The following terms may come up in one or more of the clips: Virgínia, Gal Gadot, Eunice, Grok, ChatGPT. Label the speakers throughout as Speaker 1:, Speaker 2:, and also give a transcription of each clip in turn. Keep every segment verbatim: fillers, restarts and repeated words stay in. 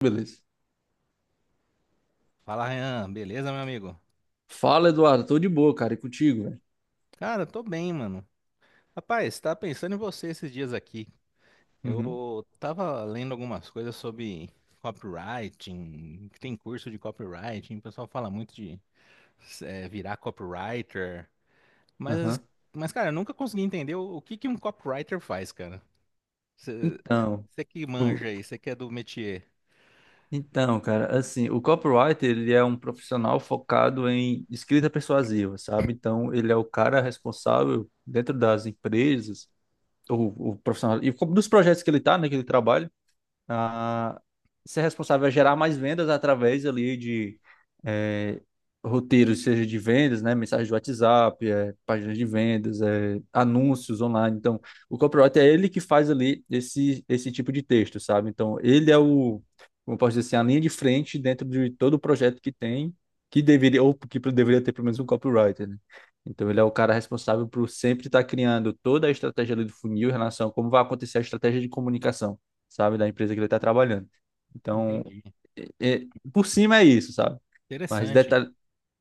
Speaker 1: Beleza.
Speaker 2: Fala, Ryan. Beleza, meu amigo?
Speaker 1: Fala, Eduardo. Tô de boa, cara. E contigo, velho?
Speaker 2: Cara, tô bem, mano. Rapaz, tava pensando em você esses dias aqui.
Speaker 1: Uhum,
Speaker 2: Eu tava lendo algumas coisas sobre copywriting, que tem curso de copywriting, o pessoal fala muito de eh, virar copywriter, mas,
Speaker 1: aham.
Speaker 2: mas, cara, eu nunca consegui entender o, o que que um copywriter faz, cara.
Speaker 1: Então,
Speaker 2: Você que
Speaker 1: o-
Speaker 2: manja aí, você que é do métier.
Speaker 1: então, cara, assim, o copywriter, ele é um profissional focado em escrita persuasiva, sabe? Então, ele é o cara responsável dentro das empresas, ou o profissional, e co- dos projetos que ele tá, né, que ele trabalha, a ser responsável a gerar mais vendas através ali de é, roteiros, seja de vendas, né, mensagem de WhatsApp, é, páginas de vendas, é, anúncios online. Então, o copywriter é ele que faz ali esse, esse tipo de texto, sabe? Então, ele é o, como eu posso dizer assim, a linha de frente dentro de todo o projeto que tem, que deveria, ou que deveria ter pelo menos um copywriter, né? Então, ele é o cara responsável por sempre estar criando toda a estratégia ali do funil em relação a como vai acontecer a estratégia de comunicação, sabe, da empresa que ele está trabalhando. Então,
Speaker 2: Entendi.
Speaker 1: é- é- por cima é isso, sabe? Mas
Speaker 2: Interessante.
Speaker 1: detalhe.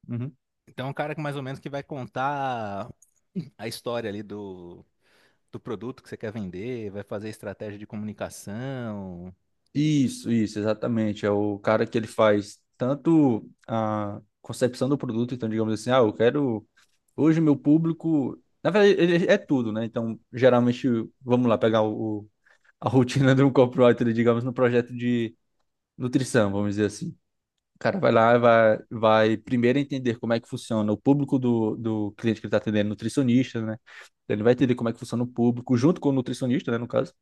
Speaker 1: Uhum.
Speaker 2: Então, é um cara que mais ou menos que vai contar a história ali do do produto que você quer vender, vai fazer estratégia de comunicação.
Speaker 1: Isso, isso, exatamente. É o cara que ele faz tanto a concepção do produto, então, digamos assim, ah, eu quero. Hoje, meu público. Na verdade, ele é tudo, né? Então, geralmente, vamos lá pegar o, o- a rotina de um copywriter, digamos, no projeto de nutrição, vamos dizer assim. O cara vai lá, vai, vai primeiro entender como é que funciona o público do, do cliente que ele está atendendo, nutricionista, né? Então, ele vai entender como é que funciona o público, junto com o nutricionista, né, no caso,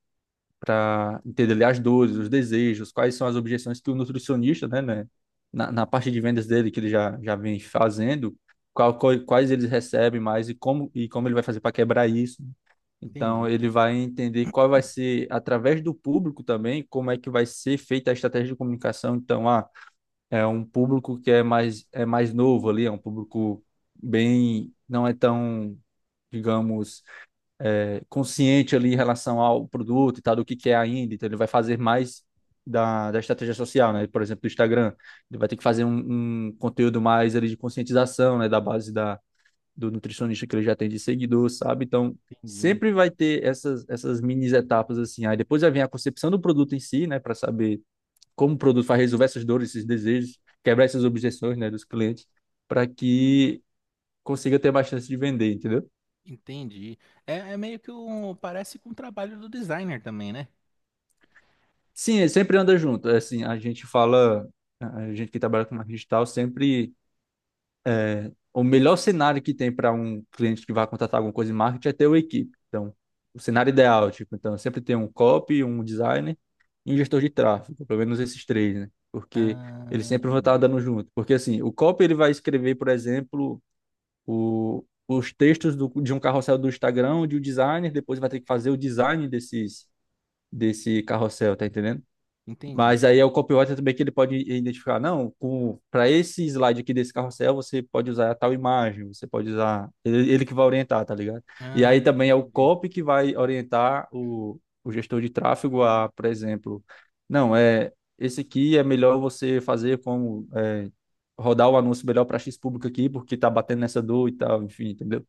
Speaker 1: para entender ali as dores, os desejos, quais são as objeções que o nutricionista, né, né, na, na parte de vendas dele, que ele já, já vem fazendo, qual, qual- quais eles recebem mais e como, e como ele vai fazer para quebrar isso. Então,
Speaker 2: Entendi,
Speaker 1: ele vai entender qual vai ser, através do público também, como é que vai ser feita a estratégia de comunicação. Então, ah, é um público que é mais, é mais novo ali, é um público bem, não é tão, digamos, é, consciente ali em relação ao produto e tal, do que que é ainda, então ele vai fazer mais da, da estratégia social, né? Por exemplo, do Instagram, ele vai ter que fazer um, um conteúdo mais ali de conscientização, né? Da base da, do nutricionista que ele já tem de seguidor, sabe? Então,
Speaker 2: entendi,
Speaker 1: sempre vai ter essas, essas mini etapas assim, aí depois já vem a concepção do produto em si, né? Para saber como o produto vai resolver essas dores, esses desejos, quebrar essas objeções, né, dos clientes, para que consiga ter mais chance de vender, entendeu?
Speaker 2: entendi. É, é meio que um, parece com o trabalho do designer também, né?
Speaker 1: Sim, é, sempre anda junto. é Assim, a gente fala, a gente que trabalha com marketing digital, sempre o melhor cenário que tem para um cliente que vai contratar alguma coisa em marketing é ter uma equipe. Então, o cenário ideal, tipo, então sempre tem um copy, um designer e um gestor de tráfego, pelo menos esses três, né? Porque eles
Speaker 2: Ah,
Speaker 1: sempre vão estar andando junto. Porque assim, o copy ele vai escrever, por exemplo, o, os textos do, de um carrossel do Instagram, de um designer, depois vai ter que fazer o design desses, desse carrossel, tá entendendo?
Speaker 2: entendi.
Speaker 1: Mas aí é o copywriter também que ele pode identificar, não, para esse slide aqui desse carrossel, você pode usar tal imagem, você pode usar. Ele, ele que vai orientar, tá ligado? E
Speaker 2: Ah,
Speaker 1: aí também é o
Speaker 2: entendi,
Speaker 1: copy que vai orientar o, o gestor de tráfego a, por exemplo, não, é esse aqui é melhor você fazer como é, rodar o anúncio melhor para X público aqui, porque tá batendo nessa dor e tal, enfim, entendeu?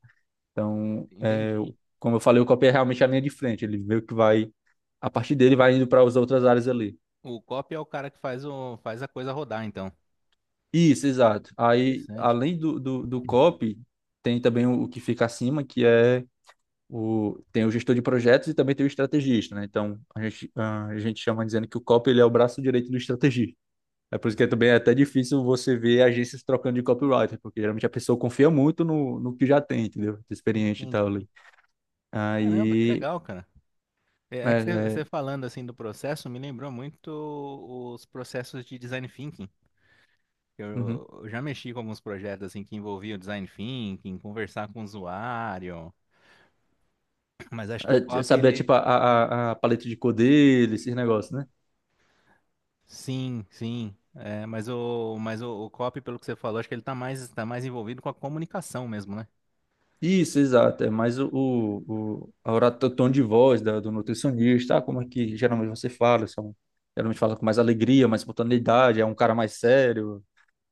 Speaker 1: Então, é,
Speaker 2: entendi.
Speaker 1: como eu falei, o copy é realmente a linha de frente, ele meio que vai, a partir dele vai indo para as outras áreas ali.
Speaker 2: O copy é o cara que faz o, faz a coisa rodar, então.
Speaker 1: Isso, exato. Aí,
Speaker 2: Interessante.
Speaker 1: além do, do, do copy, tem também o, o que fica acima, que é o, tem o gestor de projetos e também tem o estrategista, né? Então, a gente, ah, a gente chama dizendo que o copy ele é o braço direito do estrategista. É por isso que é também é até difícil você ver agências trocando de copywriter, porque geralmente a pessoa confia muito no, no que já tem, entendeu? De experiente e tal. Ali.
Speaker 2: Entendi. Caramba, que
Speaker 1: Aí,
Speaker 2: legal, cara. É,
Speaker 1: é,
Speaker 2: é que você
Speaker 1: é,
Speaker 2: você falando assim do processo me lembrou muito os processos de design thinking.
Speaker 1: uhum.
Speaker 2: Eu eu já mexi com alguns projetos assim que envolviam design thinking, conversar com o usuário, mas acho que o
Speaker 1: É,
Speaker 2: copy
Speaker 1: saber,
Speaker 2: ele
Speaker 1: tipo, a, a, a paleta de cor dele, esses negócios, né?
Speaker 2: sim, sim, é, mas o mas o, o copy pelo que você falou, acho que ele tá mais tá mais envolvido com a comunicação mesmo, né?
Speaker 1: Isso, exato. É mais o, o, o, a ora- o tom de voz da- do nutricionista, ah, como é que geralmente você fala, são, geralmente fala com mais alegria, mais espontaneidade, é um cara mais sério.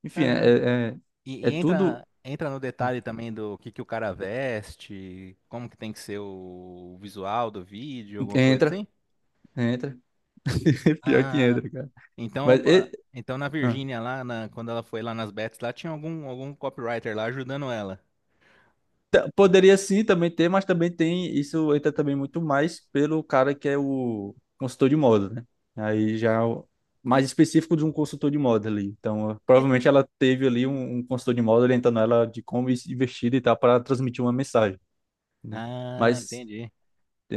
Speaker 1: Enfim,
Speaker 2: Caramba.
Speaker 1: é, é, é
Speaker 2: E,
Speaker 1: é
Speaker 2: e
Speaker 1: tudo.
Speaker 2: entra entra no detalhe também do que que o cara veste, como que tem que ser o visual do vídeo, alguma coisa
Speaker 1: Entra,
Speaker 2: assim?
Speaker 1: entra. Pior que
Speaker 2: Ah,
Speaker 1: entra, cara.
Speaker 2: então,
Speaker 1: Mas.
Speaker 2: opa,
Speaker 1: E...
Speaker 2: então na
Speaker 1: ah.
Speaker 2: Virgínia lá, na- quando ela foi lá nas bets lá, tinha algum algum copywriter lá ajudando ela.
Speaker 1: T- Poderia sim também ter, mas também tem. Isso entra também muito mais pelo cara que é o consultor de moda, né? Aí já é o- mais específico de um consultor de moda ali. Então, eh,
Speaker 2: É.
Speaker 1: provavelmente ela teve ali um, um consultor de moda orientando ela de como ir vestida e tal para transmitir uma mensagem, né?
Speaker 2: Ah,
Speaker 1: Mas,
Speaker 2: entendi.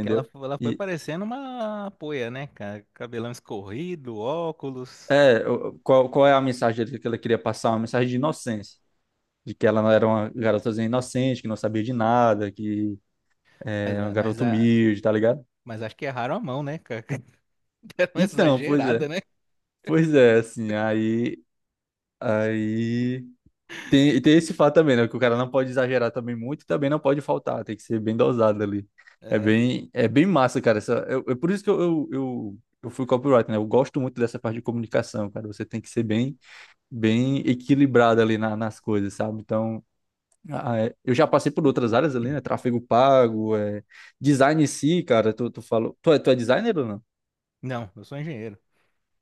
Speaker 2: Que ela, fo- ela foi
Speaker 1: E
Speaker 2: parecendo uma poia, né, cara? Cabelão escorrido, óculos.
Speaker 1: é, o- qual, qual é a mensagem que ela queria passar? Uma mensagem de inocência. De que ela não era uma garotazinha inocente, que não sabia de nada, que
Speaker 2: Mas,
Speaker 1: é uma
Speaker 2: a- mas,
Speaker 1: garota
Speaker 2: a-
Speaker 1: humilde, tá ligado?
Speaker 2: mas acho que erraram a mão, né, cara? Deram uma
Speaker 1: Então, pois é.
Speaker 2: exagerada, né?
Speaker 1: Pois é, assim, aí, aí tem, tem esse fato também, né? Que o cara não pode exagerar também muito e também não pode faltar, tem que ser bem dosado ali. É
Speaker 2: É.
Speaker 1: bem, é bem massa, cara. Essa, eu, eu- por isso que eu, eu, eu, eu fui copyright, né? Eu gosto muito dessa parte de comunicação, cara. Você tem que ser bem, bem equilibrado ali na- nas coisas, sabe? Então, ah, é, eu já passei por outras áreas ali, né? Tráfego pago, é, design em si, cara. Tu, tu falou, tu é, tu é designer ou não?
Speaker 2: Não, eu sou engenheiro.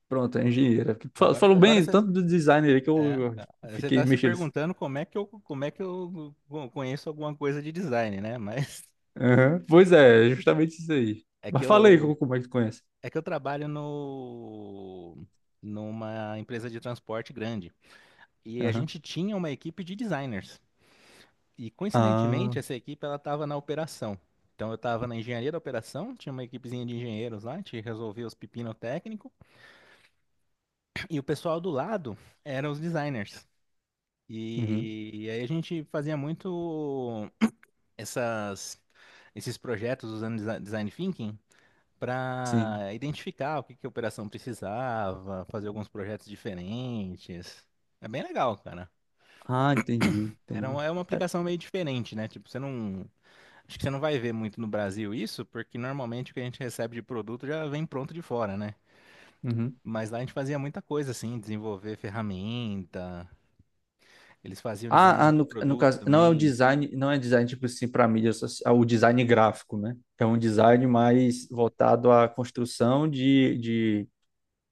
Speaker 1: Pronto, é engenheira. Fa-
Speaker 2: Agora,
Speaker 1: Falou
Speaker 2: agora
Speaker 1: bem
Speaker 2: você,
Speaker 1: tanto do designer aí que
Speaker 2: é,
Speaker 1: eu
Speaker 2: é, você
Speaker 1: fiquei
Speaker 2: tá se
Speaker 1: mexendo assim.
Speaker 2: perguntando como é que eu, como é que eu co- conheço alguma coisa de design, né? Mas
Speaker 1: Aham. Pois
Speaker 2: é
Speaker 1: é,
Speaker 2: que,
Speaker 1: justamente isso aí.
Speaker 2: é que
Speaker 1: Mas fala aí co-
Speaker 2: eu,
Speaker 1: como é que tu conhece.
Speaker 2: é que eu trabalho no, numa empresa de transporte grande. E a
Speaker 1: Aham.
Speaker 2: gente tinha uma equipe de designers. E
Speaker 1: Ah,
Speaker 2: coincidentemente, essa equipe ela estava na operação. Então eu estava na engenharia da operação, tinha uma equipezinha de engenheiros lá, a gente resolvia os pepino técnico, e o pessoal do lado eram os designers.
Speaker 1: uhum.
Speaker 2: E aí a gente fazia muito essas, esses projetos usando desi- design thinking
Speaker 1: Sim.
Speaker 2: para identificar o que que a operação precisava, fazer alguns projetos diferentes. É bem legal, cara.
Speaker 1: Ah, entendi,
Speaker 2: Era
Speaker 1: entendi.
Speaker 2: uma, é uma
Speaker 1: É,
Speaker 2: aplicação meio diferente, né? Tipo, você não acho que você não vai ver muito no Brasil isso, porque normalmente o que a gente recebe de produto já vem pronto de fora, né?
Speaker 1: uhum.
Speaker 2: Mas lá a gente fazia muita coisa assim, desenvolver ferramenta, eles faziam
Speaker 1: Ah,
Speaker 2: design
Speaker 1: ah,
Speaker 2: de
Speaker 1: no, no
Speaker 2: produto
Speaker 1: caso, não é o
Speaker 2: também.
Speaker 1: design, não é design tipo assim para mídia social, é o design gráfico, né? É um design mais voltado à construção de, de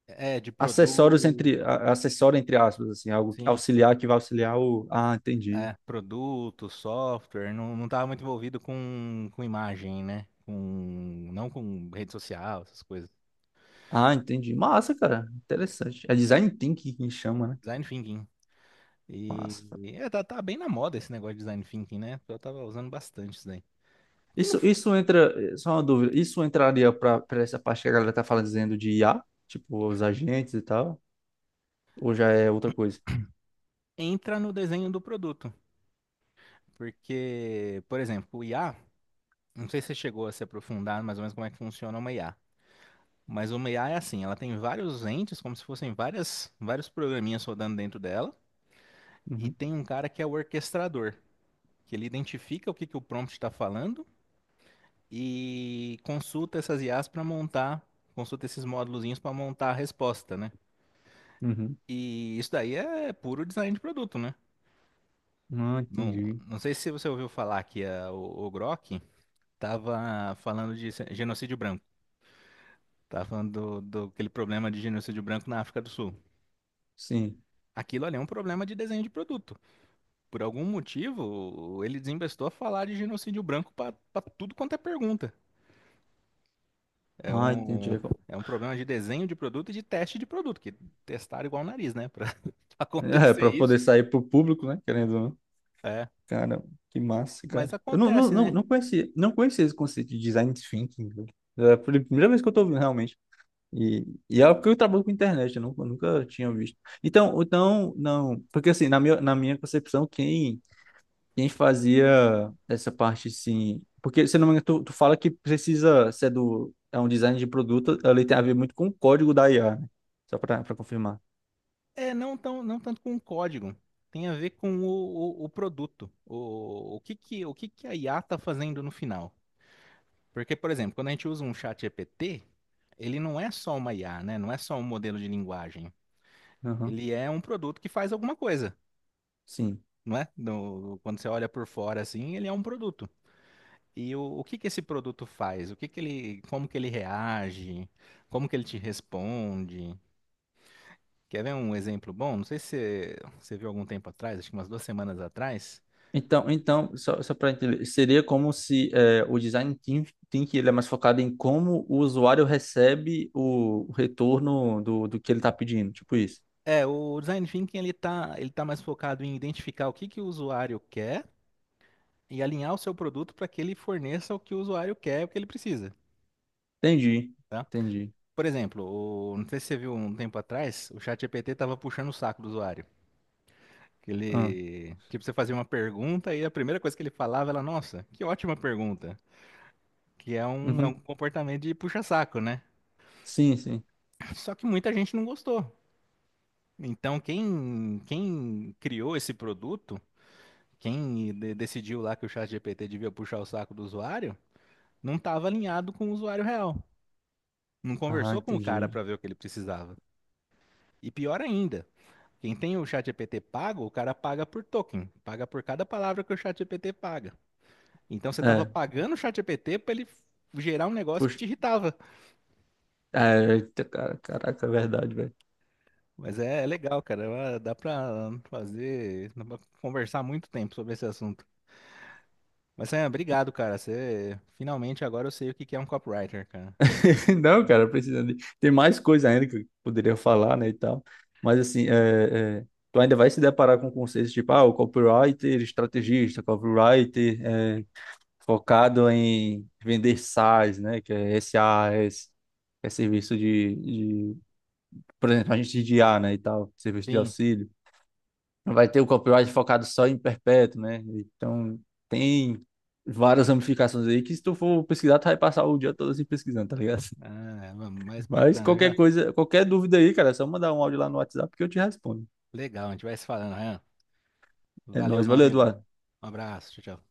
Speaker 2: É, de
Speaker 1: acessórios
Speaker 2: produto,
Speaker 1: entre, a- acessório entre aspas, assim, algo que-
Speaker 2: sim.
Speaker 1: auxiliar que vai auxiliar o. Ah, entendi.
Speaker 2: É, produto, software, não, não estava muito envolvido com, com imagem, né? Com, não com rede social, essas coisas.
Speaker 1: Ah, entendi. Massa, cara. Interessante. É
Speaker 2: É, le-
Speaker 1: design thinking que chama, né?
Speaker 2: design thinking. E
Speaker 1: Massa, cara.
Speaker 2: e é, tá, tá bem na moda esse negócio de design thinking, né? Eu tava usando bastante isso daí. Que não
Speaker 1: Isso,
Speaker 2: f-
Speaker 1: isso entra, eh, só uma dúvida, isso entraria para essa parte que a galera tá falando dizendo de I A, tipo os agentes e tal, ou já é outra coisa?
Speaker 2: Entra no desenho do produto. Porque, por exemplo, o I A, não sei se você chegou a se aprofundar mais ou menos como é que funciona uma I A. Mas uma I A é assim, ela tem vários entes, como se fossem várias, vários programinhas rodando dentro dela, e
Speaker 1: Uhum,
Speaker 2: tem um cara que é o orquestrador, que ele identifica o que que o prompt está falando e consulta essas I As para montar, consulta esses módulozinhos para montar a resposta, né?
Speaker 1: uhum.
Speaker 2: E isso daí é puro design de produto, né?
Speaker 1: Ah,
Speaker 2: Não,
Speaker 1: entendi.
Speaker 2: não sei se você ouviu falar que a- o, o Grok estava falando de genocídio branco. Tá falando do, do aquele problema de genocídio branco na África do Sul.
Speaker 1: Sim.
Speaker 2: Aquilo ali é um problema de desenho de produto. Por algum motivo, ele desembestou a falar de genocídio branco para tudo quanto é pergunta. É
Speaker 1: Ah,
Speaker 2: um,
Speaker 1: entendi.
Speaker 2: é um problema de desenho de produto e de teste de produto, que testaram igual o nariz, né? Para
Speaker 1: É,
Speaker 2: acontecer
Speaker 1: para
Speaker 2: isso.
Speaker 1: poder sair pro público, né? Querendo, ou não.
Speaker 2: É.
Speaker 1: Cara, que massa,
Speaker 2: Mas
Speaker 1: cara. Eu não, não,
Speaker 2: acontece,
Speaker 1: não,
Speaker 2: né?
Speaker 1: não conhecia, não conhecia esse conceito de design thinking, velho. É a primeira vez que eu tô ouvindo, realmente. E, e é porque eu trabalho com internet, eu nunca, nunca tinha visto. Então, então, não, porque assim, na minha, na minha concepção, quem, quem fazia essa parte, assim, porque, se não me engano, tu, tu fala que precisa ser do, é um design de produto, ele tem a ver muito com o código da I A, né? Só para confirmar.
Speaker 2: É, não tão, não tanto com o código. Tem a ver com o, o, o produto. O, o que que, o que que a I A tá fazendo no final? Porque, por exemplo, quando a gente usa um chat G P T, ele não é só uma I A, né? Não é só um modelo de linguagem.
Speaker 1: Aham,
Speaker 2: Ele é um produto que faz alguma coisa,
Speaker 1: sim.
Speaker 2: não é? No- quando você olha por fora assim, ele é um produto. E o, o que que esse produto faz? O que que ele, como que ele reage? Como que ele te responde? Quer ver um exemplo bom? Não sei se você, você viu algum tempo atrás, acho que umas duas semanas atrás.
Speaker 1: Então, então, só, só para entender, seria como se é, o design thin- thinking ele é mais focado em como o usuário recebe o, o retorno do, do que ele está pedindo, tipo isso.
Speaker 2: É, o design thinking ele tá, ele tá mais focado em identificar o que que o usuário quer e alinhar o seu produto para que ele forneça o que o usuário quer, o que ele precisa,
Speaker 1: Entendi,
Speaker 2: tá?
Speaker 1: entendi.
Speaker 2: Por exemplo, o- não sei se você viu um tempo atrás, o chat G P T estava puxando o saco do usuário. Que
Speaker 1: Ah,
Speaker 2: ele, tipo, você fazia uma pergunta e a primeira coisa que ele falava era, nossa, que ótima pergunta. Que é um, é um
Speaker 1: uhum.
Speaker 2: comportamento de puxa-saco, né?
Speaker 1: Sim, sim.
Speaker 2: Só que muita gente não gostou. Então, quem, quem criou esse produto, quem de- decidiu lá que o chat G P T devia puxar o saco do usuário, não estava alinhado com o usuário real. Não
Speaker 1: Ah,
Speaker 2: conversou com o cara
Speaker 1: entendi.
Speaker 2: para ver o que ele precisava. E pior ainda, quem tem o chat G P T pago, o cara paga por token, paga por cada palavra que o chat G P T paga. Então você estava
Speaker 1: É,
Speaker 2: pagando o chat G P T para ele gerar um negócio que
Speaker 1: puxa,
Speaker 2: te irritava.
Speaker 1: é, eita, cara, caraca, é verdade, velho.
Speaker 2: Mas é, é legal, cara. é uma- Dá pra fazer, dá pra conversar muito tempo sobre esse assunto. Mas Sam, obrigado, cara. Você finalmente agora eu sei o que que é um copywriter, cara.
Speaker 1: Não, cara, precisa de... Tem mais coisa ainda que eu poderia falar, né, e tal. Mas, assim, é, é, tu ainda vai se deparar com conceitos tipo, ah, o copywriter estrategista, copywriter é, focado em vender SaaS, né, que é SaaS, que é serviço de, de, por exemplo, a gente de I A, né, e tal, serviço de
Speaker 2: Sim.
Speaker 1: auxílio. Vai ter o copyright focado só em perpétuo, né? Então, tem várias ramificações aí que se tu for pesquisar, tu vai passar o dia todo assim pesquisando, tá ligado?
Speaker 2: Ah, mas
Speaker 1: Mas
Speaker 2: bacana
Speaker 1: qualquer
Speaker 2: já.
Speaker 1: coisa, qualquer dúvida aí, cara, é só mandar um áudio lá no WhatsApp que eu te respondo.
Speaker 2: Legal, a gente vai se falando, Ryan.
Speaker 1: É
Speaker 2: Valeu,
Speaker 1: nóis.
Speaker 2: meu
Speaker 1: Valeu,
Speaker 2: amigo.
Speaker 1: Eduardo.
Speaker 2: Um abraço, tchau, tchau.